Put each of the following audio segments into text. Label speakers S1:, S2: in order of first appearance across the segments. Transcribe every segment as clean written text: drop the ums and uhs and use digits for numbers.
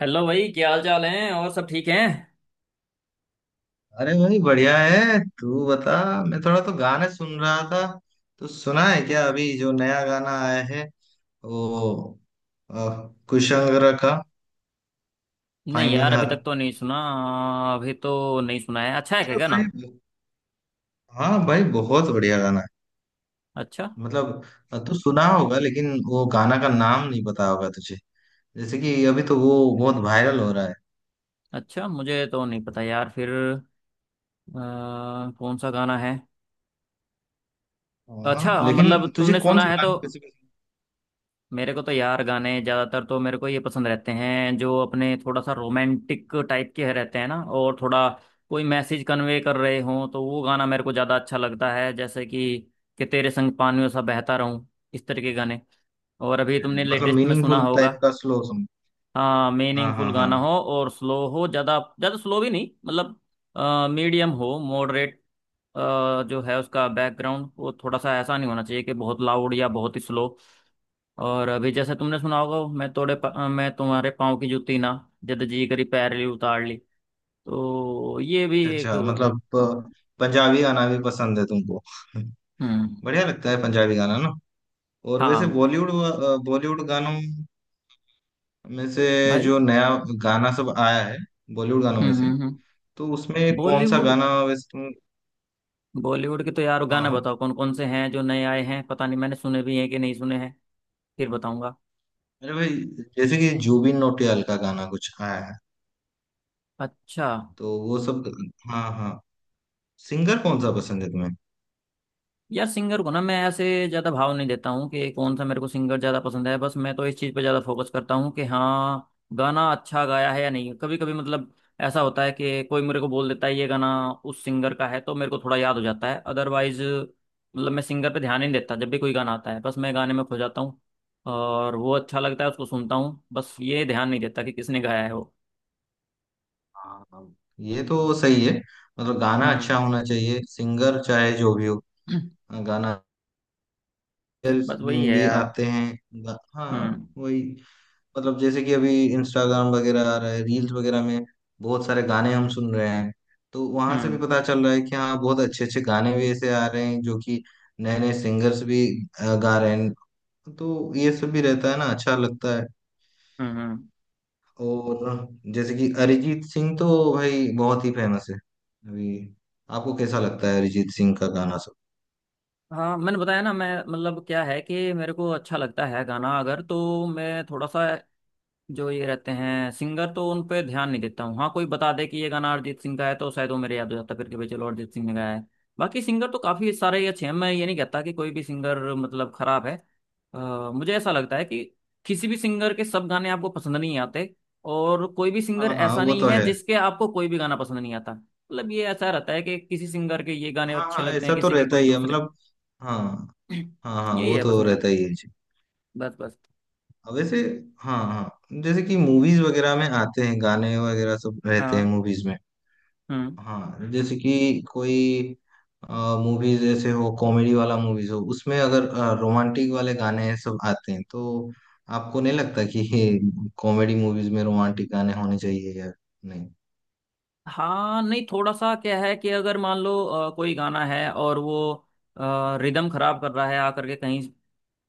S1: Hello भाई, क्या हाल चाल है? और सब ठीक हैं?
S2: अरे भाई बढ़िया है। तू बता। मैं थोड़ा तो गाने सुन रहा था। तो सुना है क्या अभी जो नया गाना आया है वो अ, कुशांगरा का
S1: नहीं
S2: फाइंडिंग
S1: यार, अभी
S2: हर।
S1: तक तो नहीं सुना। अभी तो नहीं सुना है। अच्छा है क्या
S2: अरे
S1: गाना?
S2: भाई, हाँ भाई बहुत बढ़िया गाना है।
S1: अच्छा
S2: मतलब तू सुना होगा लेकिन वो गाना का नाम नहीं पता होगा तुझे। जैसे कि अभी तो वो बहुत वायरल हो रहा है।
S1: अच्छा। मुझे तो नहीं पता यार। फिर कौन सा गाना है?
S2: हाँ
S1: अच्छा,
S2: लेकिन
S1: मतलब
S2: तुझे
S1: तुमने
S2: कौन
S1: सुना
S2: से
S1: है तो।
S2: गाने कैसे पसंद
S1: मेरे को तो यार गाने ज़्यादातर तो मेरे को ये पसंद रहते हैं जो अपने थोड़ा सा रोमांटिक टाइप के रहते हैं ना, और थोड़ा कोई मैसेज कन्वे कर रहे हों तो वो गाना मेरे को ज़्यादा अच्छा लगता है, जैसे कि तेरे संग पानियों सा बहता रहूं। इस तरह के गाने। और अभी
S2: है?
S1: तुमने
S2: मतलब
S1: लेटेस्ट में सुना
S2: मीनिंगफुल
S1: होगा?
S2: टाइप का स्लो सॉन्ग।
S1: हाँ,
S2: हाँ हाँ
S1: मीनिंगफुल
S2: हाँ।
S1: गाना हो और स्लो हो। ज़्यादा ज़्यादा स्लो भी नहीं, मतलब मीडियम हो, मॉडरेट। जो है उसका बैकग्राउंड, वो थोड़ा सा ऐसा नहीं होना चाहिए कि बहुत लाउड या बहुत ही स्लो। और अभी जैसे तुमने सुना होगा, मैं तुम्हारे पाँव की जूती ना। जद जी करी पैर ली उतार ली। तो ये भी
S2: अच्छा
S1: एक।
S2: अच्छा, मतलब पंजाबी गाना भी पसंद है तुमको?
S1: हम्म।
S2: बढ़िया लगता है पंजाबी गाना ना। और वैसे
S1: हाँ
S2: बॉलीवुड, बॉलीवुड गानों में से
S1: भाई।
S2: जो नया गाना सब आया है बॉलीवुड गानों में से
S1: हम्म।
S2: तो उसमें कौन सा
S1: बॉलीवुड
S2: गाना वैसे तुम।
S1: बॉलीवुड के तो यार
S2: हाँ
S1: गाने
S2: हाँ।
S1: बताओ कौन कौन से हैं जो नए आए हैं। पता नहीं मैंने सुने भी हैं कि नहीं सुने हैं। फिर बताऊंगा।
S2: अरे भाई, जैसे कि जुबिन नौटियाल का गाना कुछ आया है
S1: अच्छा।
S2: तो वो सब। हाँ हाँ। सिंगर कौन सा पसंद है तुम्हें?
S1: यार सिंगर को ना मैं ऐसे ज्यादा भाव नहीं देता हूँ कि कौन सा मेरे को सिंगर ज्यादा पसंद है। बस मैं तो इस चीज पे ज्यादा फोकस करता हूँ कि हाँ, गाना अच्छा गाया है या नहीं। कभी कभी मतलब ऐसा होता है कि कोई मेरे को बोल देता है ये गाना उस सिंगर का है, तो मेरे को थोड़ा याद हो जाता है। अदरवाइज मतलब मैं सिंगर पे ध्यान ही नहीं देता। जब भी कोई गाना आता है बस मैं गाने में खो जाता हूँ, और वो अच्छा लगता है, उसको सुनता हूँ। बस ये ध्यान नहीं देता कि किसने गाया है वो।
S2: हाँ हाँ, ये तो सही है। मतलब गाना
S1: हम्म।
S2: अच्छा होना चाहिए, सिंगर चाहे जो भी हो। गाना रील्स
S1: बस वही है
S2: भी
S1: यार।
S2: आते हैं। हाँ
S1: हम्म
S2: वही। मतलब जैसे कि अभी इंस्टाग्राम वगैरह आ रहा है, रील्स वगैरह में बहुत सारे गाने हम सुन रहे हैं। तो वहां से भी
S1: हम्म
S2: पता चल रहा है कि हाँ बहुत अच्छे अच्छे गाने भी ऐसे आ रहे हैं जो कि नए नए सिंगर्स भी गा रहे हैं। तो ये सब भी रहता है ना, अच्छा लगता है।
S1: हम्म। हम्म।
S2: और जैसे कि अरिजीत सिंह तो भाई बहुत ही फेमस है अभी। आपको कैसा लगता है अरिजीत सिंह का गाना सब?
S1: हाँ, मैंने बताया ना। मैं मतलब क्या है कि मेरे को अच्छा लगता है गाना अगर, तो मैं थोड़ा सा जो ये रहते हैं सिंगर तो उन पे ध्यान नहीं देता हूँ। हाँ, कोई बता दे कि ये गाना अरिजीत सिंह का है, तो शायद वो मेरे याद हो जाता फिर कि भाई चलो अरिजीत सिंह ने गाया है। बाकी सिंगर तो काफ़ी सारे ही अच्छे हैं, मैं ये नहीं कहता कि कोई भी सिंगर मतलब खराब है। मुझे ऐसा लगता है कि किसी भी सिंगर के सब गाने आपको पसंद नहीं आते, और कोई भी सिंगर
S2: हाँ हाँ
S1: ऐसा
S2: वो
S1: नहीं
S2: तो
S1: है
S2: है।
S1: जिसके आपको कोई भी गाना पसंद नहीं आता। मतलब ये ऐसा रहता है कि किसी सिंगर के ये गाने
S2: हाँ
S1: अच्छे
S2: हाँ
S1: लगते
S2: ऐसा
S1: हैं,
S2: तो
S1: किसी के
S2: रहता
S1: कोई
S2: ही है,
S1: दूसरे।
S2: मतलब हाँ हाँ हाँ
S1: यही
S2: वो
S1: है बस
S2: तो
S1: मेरा।
S2: रहता ही है जी।
S1: बस बस।
S2: अब वैसे, हाँ हाँ जैसे कि मूवीज वगैरह में आते हैं गाने वगैरह सब रहते हैं
S1: हाँ।
S2: मूवीज में।
S1: हम्म।
S2: हाँ जैसे कि कोई मूवीज, जैसे हो कॉमेडी वाला मूवीज हो उसमें अगर रोमांटिक वाले गाने सब आते हैं तो आपको नहीं लगता कि ये कॉमेडी मूवीज में रोमांटिक गाने होने चाहिए या नहीं?
S1: हाँ नहीं, थोड़ा सा क्या है कि अगर मान लो कोई गाना है और वो रिदम खराब कर रहा है आकर के कहीं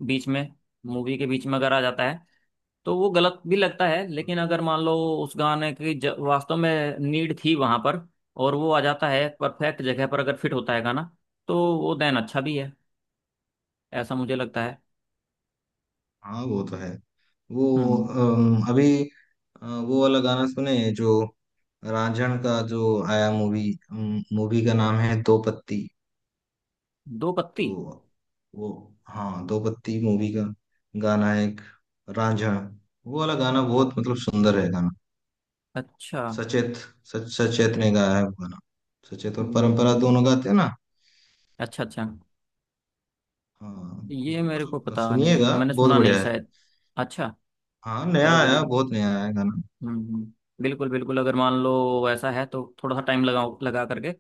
S1: बीच में, मूवी के बीच में अगर आ जाता है, तो वो गलत भी लगता है। लेकिन अगर मान लो उस गाने की वास्तव में नीड थी वहां पर, और वो आ जाता है परफेक्ट जगह पर, अगर फिट होता है गाना, तो वो देन अच्छा भी है। ऐसा मुझे लगता है।
S2: हाँ वो तो है। वो
S1: हम्म।
S2: अभी वो वाला गाना सुने जो रांझण का जो आया मूवी। मूवी का नाम है दो पत्ती।
S1: दो पत्ती।
S2: तो वो, हाँ दो पत्ती मूवी का गाना है एक, रांझण। वो वाला गाना बहुत मतलब सुंदर है गाना।
S1: अच्छा।
S2: सचेत, सच सचेत ने गाया है वो गाना। सचेत और परंपरा
S1: हम्म।
S2: दोनों गाते हैं ना।
S1: अच्छा अच्छा,
S2: हाँ।
S1: ये मेरे को
S2: मतलब
S1: पता नहीं,
S2: सुनिएगा,
S1: मैंने
S2: बहुत
S1: सुना नहीं
S2: बढ़िया है।
S1: शायद। अच्छा।
S2: हाँ नया
S1: चलो,
S2: आया,
S1: बिल्कुल।
S2: बहुत नया आया है गाना।
S1: हम्म हम्म, बिल्कुल बिल्कुल, अगर मान लो ऐसा है तो थोड़ा सा टाइम लगाओ। लगा करके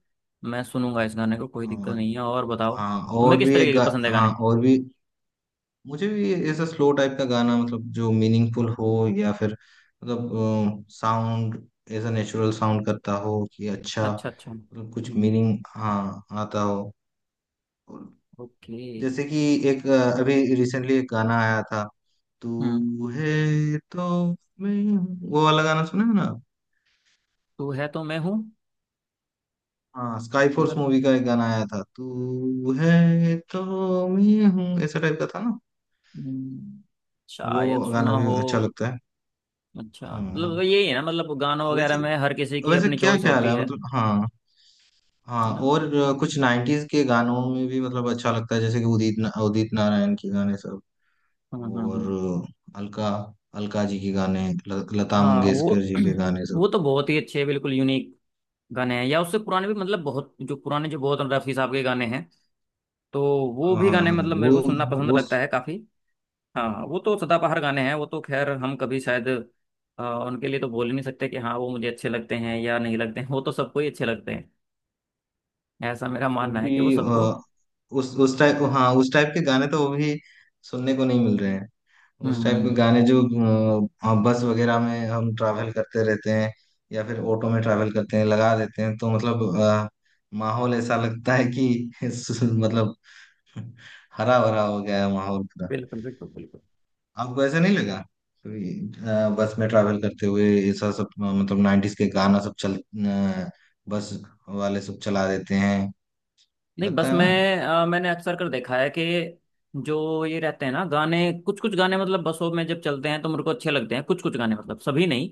S1: मैं सुनूंगा इस गाने को, कोई दिक्कत
S2: हाँ
S1: नहीं है। और बताओ
S2: हाँ
S1: तुम्हें
S2: और
S1: किस
S2: भी एक
S1: तरीके के
S2: गा।
S1: पसंद है गाने?
S2: हाँ और भी मुझे भी ऐसा स्लो टाइप का गाना मतलब जो मीनिंगफुल हो, या फिर मतलब साउंड ऐसा नेचुरल साउंड करता हो कि अच्छा,
S1: अच्छा अच्छा।
S2: मतलब कुछ
S1: हम्म।
S2: मीनिंग हाँ आता हो। और
S1: ओके।
S2: जैसे कि एक अभी रिसेंटली एक गाना आया था,
S1: हम्म।
S2: तू है तो मैं हूँ, वो वाला गाना सुना है ना।
S1: तू है तो मैं हूँ।
S2: हाँ, स्काई
S1: ये
S2: फोर्स
S1: वाला?
S2: मूवी का एक गाना आया था, तू है तो मैं हूँ, ऐसा टाइप का था ना।
S1: हम्म,
S2: वो
S1: शायद
S2: गाना
S1: सुना
S2: भी
S1: हो।
S2: अच्छा लगता है।
S1: अच्छा मतलब
S2: हाँ
S1: यही है ना, मतलब गानों वगैरह
S2: वैसे,
S1: में हर किसी की अपनी
S2: क्या
S1: चॉइस
S2: ख्याल
S1: होती
S2: है
S1: है
S2: मतलब, हाँ हाँ
S1: ना।
S2: और कुछ नाइन्टीज के गानों में भी मतलब अच्छा लगता है, जैसे कि उदित नारायण के गाने सब। और
S1: हम्म।
S2: अलका, अलका जी के गाने, लता
S1: हाँ
S2: मंगेशकर
S1: वो
S2: जी के गाने सब।
S1: वो तो बहुत ही अच्छे, बिल्कुल यूनिक गाने हैं, या उससे पुराने भी, मतलब बहुत जो पुराने, जो बहुत रफी साहब के गाने हैं, तो वो
S2: हाँ
S1: भी
S2: हाँ
S1: गाने
S2: हाँ,
S1: मतलब मेरे को सुनना पसंद लगता है काफी। हाँ वो तो सदाबहार गाने हैं। वो तो खैर हम कभी शायद उनके लिए तो बोल ही नहीं सकते कि हाँ वो मुझे अच्छे लगते हैं या नहीं लगते हैं। वो तो सबको ही अच्छे लगते हैं। ऐसा मेरा मानना है कि वो
S2: क्योंकि
S1: सबको।
S2: उस टाइप, हाँ उस टाइप के गाने तो वो भी सुनने को नहीं मिल रहे हैं।
S1: हम्म
S2: उस टाइप के
S1: हम्म,
S2: गाने जो बस वगैरह में हम ट्रैवल करते रहते हैं या फिर ऑटो में ट्रैवल करते हैं लगा देते हैं, तो मतलब माहौल ऐसा लगता है कि मतलब हरा भरा हो गया है माहौल पूरा।
S1: बिल्कुल बिल्कुल बिल्कुल।
S2: आपको ऐसा नहीं लगा कभी, बस में ट्रैवल करते हुए? ऐसा सब मतलब नाइन्टीज के गाना सब बस वाले सब चला देते हैं,
S1: नहीं
S2: लगता
S1: बस
S2: है ना।
S1: मैं मैंने अक्सर कर देखा है कि जो ये रहते हैं ना गाने, कुछ कुछ गाने मतलब बसों में जब चलते हैं तो मेरे को अच्छे लगते हैं। कुछ कुछ गाने मतलब सभी नहीं।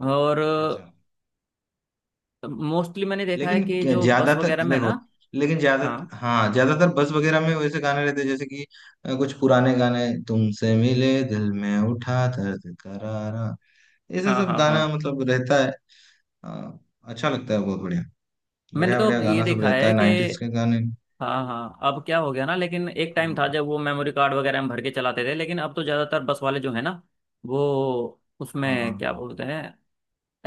S1: और
S2: अच्छा अच्छा।
S1: मोस्टली मैंने देखा है कि जो बस
S2: ज्यादातर
S1: वगैरह में ना।
S2: देखो, लेकिन
S1: हाँ
S2: ज्यादातर, हाँ ज्यादातर बस वगैरह में वैसे गाने रहते हैं, जैसे कि कुछ पुराने गाने, तुमसे मिले दिल में उठा दर्द करारा, ऐसा
S1: हाँ
S2: सब
S1: हाँ हाँ।
S2: गाना मतलब रहता है। अ, अच्छा लगता है, बहुत बढ़िया।
S1: मैंने
S2: बढ़िया
S1: तो
S2: बढ़िया
S1: ये
S2: गाना सब
S1: देखा
S2: रहता
S1: है
S2: है
S1: कि,
S2: नाइन्टीज के गाने।
S1: हाँ हाँ, अब क्या हो गया ना, लेकिन एक टाइम
S2: हाँ
S1: था जब वो मेमोरी कार्ड वगैरह में भर के चलाते थे, लेकिन अब तो ज़्यादातर बस वाले जो है ना वो उसमें
S2: हाँ।
S1: क्या बोलते हैं,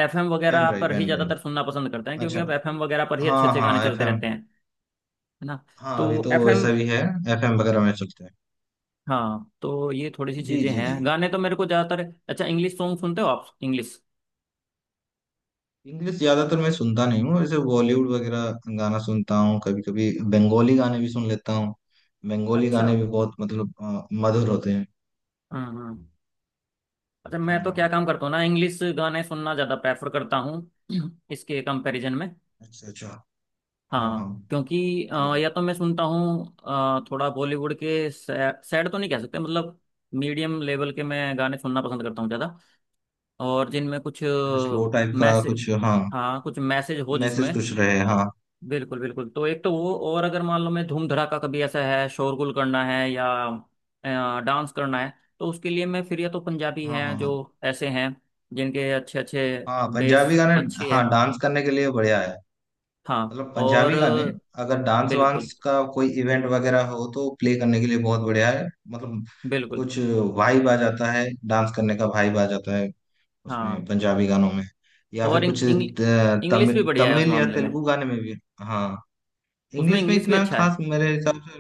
S1: एफएम
S2: पेन
S1: वगैरह
S2: ड्राइव,
S1: पर ही
S2: पेन ड्राइव।
S1: ज़्यादातर सुनना पसंद करते हैं, क्योंकि
S2: अच्छा।
S1: अब एफएम वगैरह पर ही अच्छे
S2: हाँ
S1: अच्छे गाने
S2: हाँ एफ
S1: चलते
S2: एम।
S1: रहते हैं, है ना?
S2: हाँ
S1: तो
S2: अभी तो
S1: एफएम।
S2: वैसा भी है। एफ एम वगैरह में चलते हैं।
S1: हाँ, तो ये थोड़ी सी
S2: जी
S1: चीज़ें
S2: जी जी।
S1: हैं। गाने तो मेरे को ज़्यादातर। अच्छा, इंग्लिश सॉन्ग सुनते हो आप? इंग्लिश।
S2: इंग्लिश ज्यादातर मैं सुनता नहीं हूँ, जैसे बॉलीवुड वगैरह गाना सुनता हूँ। कभी कभी बंगाली गाने भी सुन लेता हूँ। बंगाली
S1: अच्छा।
S2: गाने भी बहुत मतलब मधुर होते हैं।
S1: हम्म। अच्छा, मैं तो क्या
S2: हाँ।
S1: काम करता हूँ ना, इंग्लिश गाने सुनना ज़्यादा प्रेफर करता हूँ इसके कंपैरिजन में।
S2: अच्छा अच्छा। हाँ हाँ
S1: हाँ क्योंकि
S2: मतलब।
S1: या तो मैं सुनता हूँ थोड़ा बॉलीवुड के सैड तो नहीं कह सकते, मतलब मीडियम लेवल के मैं गाने सुनना पसंद करता हूँ ज़्यादा, और जिनमें कुछ
S2: अच्छा, स्लो टाइप का
S1: मैसेज।
S2: कुछ, हाँ
S1: हाँ कुछ मैसेज हो
S2: मैसेज
S1: जिसमें।
S2: कुछ रहे, हाँ।
S1: बिल्कुल बिल्कुल, तो एक तो वो, और अगर मान लो मैं धूम धड़ाका कभी ऐसा है, शोरगुल करना है या डांस करना है, तो उसके लिए मैं फिर या तो पंजाबी
S2: हाँ
S1: हैं
S2: हाँ
S1: जो
S2: हाँ
S1: ऐसे हैं जिनके अच्छे अच्छे
S2: हाँ। पंजाबी
S1: बेस
S2: गाने।
S1: अच्छी है।
S2: हाँ डांस करने के लिए बढ़िया है,
S1: हाँ।
S2: मतलब
S1: और
S2: पंजाबी गाने। अगर डांस
S1: बिल्कुल
S2: वांस का कोई इवेंट वगैरह हो तो प्ले करने के लिए बहुत बढ़िया है, मतलब
S1: बिल्कुल।
S2: कुछ वाइब आ जाता है। डांस करने का वाइब आ जाता है उसमें,
S1: हाँ
S2: पंजाबी गानों में। या
S1: और
S2: फिर कुछ
S1: इंग, इंग, इंग्लिश भी
S2: तमिल,
S1: बढ़िया है उस
S2: तमिल या
S1: मामले में।
S2: तेलुगु गाने में भी। हाँ
S1: उसमें
S2: इंग्लिश में
S1: इंग्लिश भी
S2: इतना
S1: अच्छा है।
S2: खास मेरे हिसाब से।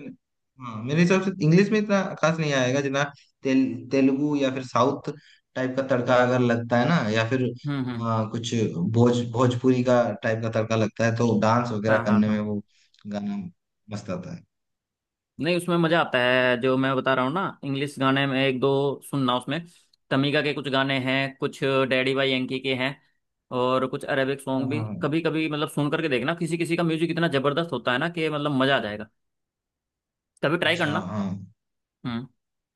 S2: हाँ मेरे हिसाब से इंग्लिश में इतना खास नहीं आएगा, जितना तेल तेलुगु या फिर साउथ टाइप का तड़का अगर लगता है ना, या फिर
S1: हम्म।
S2: कुछ भोजपुरी का टाइप का तड़का लगता है, तो डांस वगैरह
S1: हाँ हाँ
S2: करने में
S1: हाँ।
S2: वो गाना मस्त आता है।
S1: नहीं उसमें मजा आता है, जो मैं बता रहा हूँ ना, इंग्लिश गाने में एक दो सुनना। उसमें तमीका के कुछ गाने हैं, कुछ डैडी भाई यांकी के हैं, और कुछ अरेबिक
S2: हाँ
S1: सॉन्ग भी।
S2: हाँ,
S1: कभी कभी मतलब सुन करके देखना, किसी किसी का म्यूजिक इतना जबरदस्त होता है ना, कि मतलब मजा आ जाएगा। कभी ट्राई
S2: अच्छा
S1: करना।
S2: हाँ।
S1: हम्म।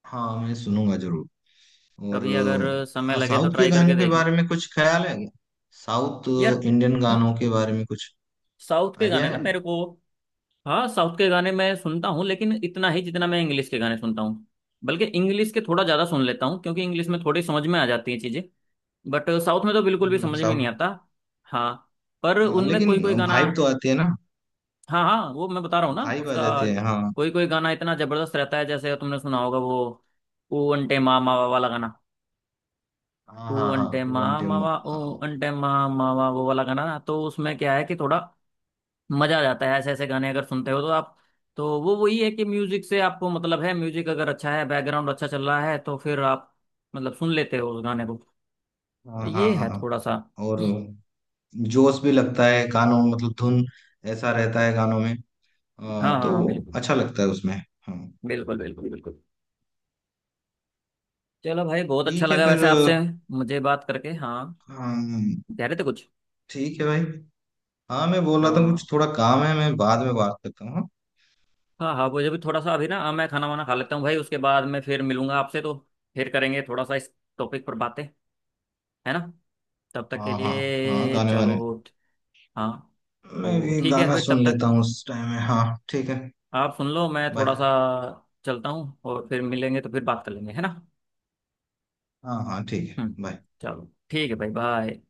S2: हाँ मैं सुनूंगा जरूर। और
S1: कभी अगर समय लगे तो
S2: साउथ के
S1: ट्राई करके
S2: गानों के
S1: देखना।
S2: बारे में कुछ ख्याल है क्या? साउथ
S1: यार
S2: इंडियन गानों के बारे में कुछ
S1: साउथ के
S2: आइडिया
S1: गाने ना
S2: है?
S1: मेरे को, हाँ, साउथ के गाने मैं सुनता हूँ लेकिन इतना ही जितना मैं इंग्लिश के गाने सुनता हूँ। बल्कि इंग्लिश के थोड़ा ज्यादा सुन लेता हूँ क्योंकि इंग्लिश में थोड़ी समझ में आ जाती हैं चीजें, बट साउथ में तो बिल्कुल भी
S2: हम्म,
S1: समझ में नहीं
S2: साउथ।
S1: आता। हाँ पर
S2: हाँ
S1: उनमें
S2: लेकिन
S1: कोई कोई गाना,
S2: भाइब तो आती है ना?
S1: हाँ हाँ, वो मैं बता रहा हूँ ना
S2: भाइब आ
S1: उसका,
S2: जाते हैं, हाँ।
S1: कोई कोई गाना इतना जबरदस्त रहता है, जैसे तुमने सुना होगा वो, ओ अंटे मा मावा वाला गाना।
S2: हाँ
S1: ओ
S2: हाँ
S1: अंटे
S2: हाँ।
S1: मा
S2: वन टाइम,
S1: मावा, ओ
S2: हाँ।
S1: अंटे मा मावा, वो वाला गाना ना, तो उसमें क्या है कि थोड़ा मजा आ जाता है। ऐसे ऐसे गाने अगर सुनते हो तो आप, तो वो वही है कि म्यूजिक से आपको मतलब है, म्यूजिक अगर अच्छा है, बैकग्राउंड अच्छा चल रहा है, तो फिर आप मतलब सुन लेते हो उस गाने को।
S2: हाँ हाँ
S1: ये
S2: हाँ
S1: है
S2: हाँ।
S1: थोड़ा सा।
S2: और जोश भी लगता है गानों में, मतलब धुन ऐसा रहता है गानों में।
S1: हाँ हाँ
S2: तो
S1: बिल्कुल
S2: अच्छा लगता है उसमें। हाँ।
S1: बिल्कुल बिल्कुल बिल्कुल। चलो भाई, बहुत अच्छा
S2: ठीक है
S1: लगा
S2: फिर।
S1: वैसे आपसे मुझे बात करके। हाँ,
S2: हाँ
S1: कह रहे थे कुछ?
S2: ठीक है भाई। हाँ मैं बोल रहा था, कुछ
S1: हाँ
S2: थोड़ा काम है, मैं बाद में बात करता हूँ, हाँ?
S1: हाँ हाँ, मुझे भी थोड़ा सा अभी ना, हाँ, मैं खाना वाना खा लेता हूँ भाई, उसके बाद मैं फिर मिलूंगा आपसे, तो फिर करेंगे थोड़ा सा इस टॉपिक पर बातें, है ना? तब तक के
S2: हाँ। हाँ हाँ
S1: लिए
S2: गाने वाने
S1: चलो। हाँ।
S2: मैं
S1: तो
S2: भी
S1: ठीक है
S2: गाना
S1: फिर,
S2: सुन
S1: तब तक
S2: लेता हूँ उस टाइम में, हाँ। ठीक है,
S1: आप सुन लो, मैं थोड़ा
S2: बाय।
S1: सा चलता हूँ, और फिर मिलेंगे तो फिर बात कर लेंगे, है ना।
S2: हाँ हाँ ठीक है,
S1: हम्म।
S2: बाय।
S1: चलो ठीक है भाई, बाय।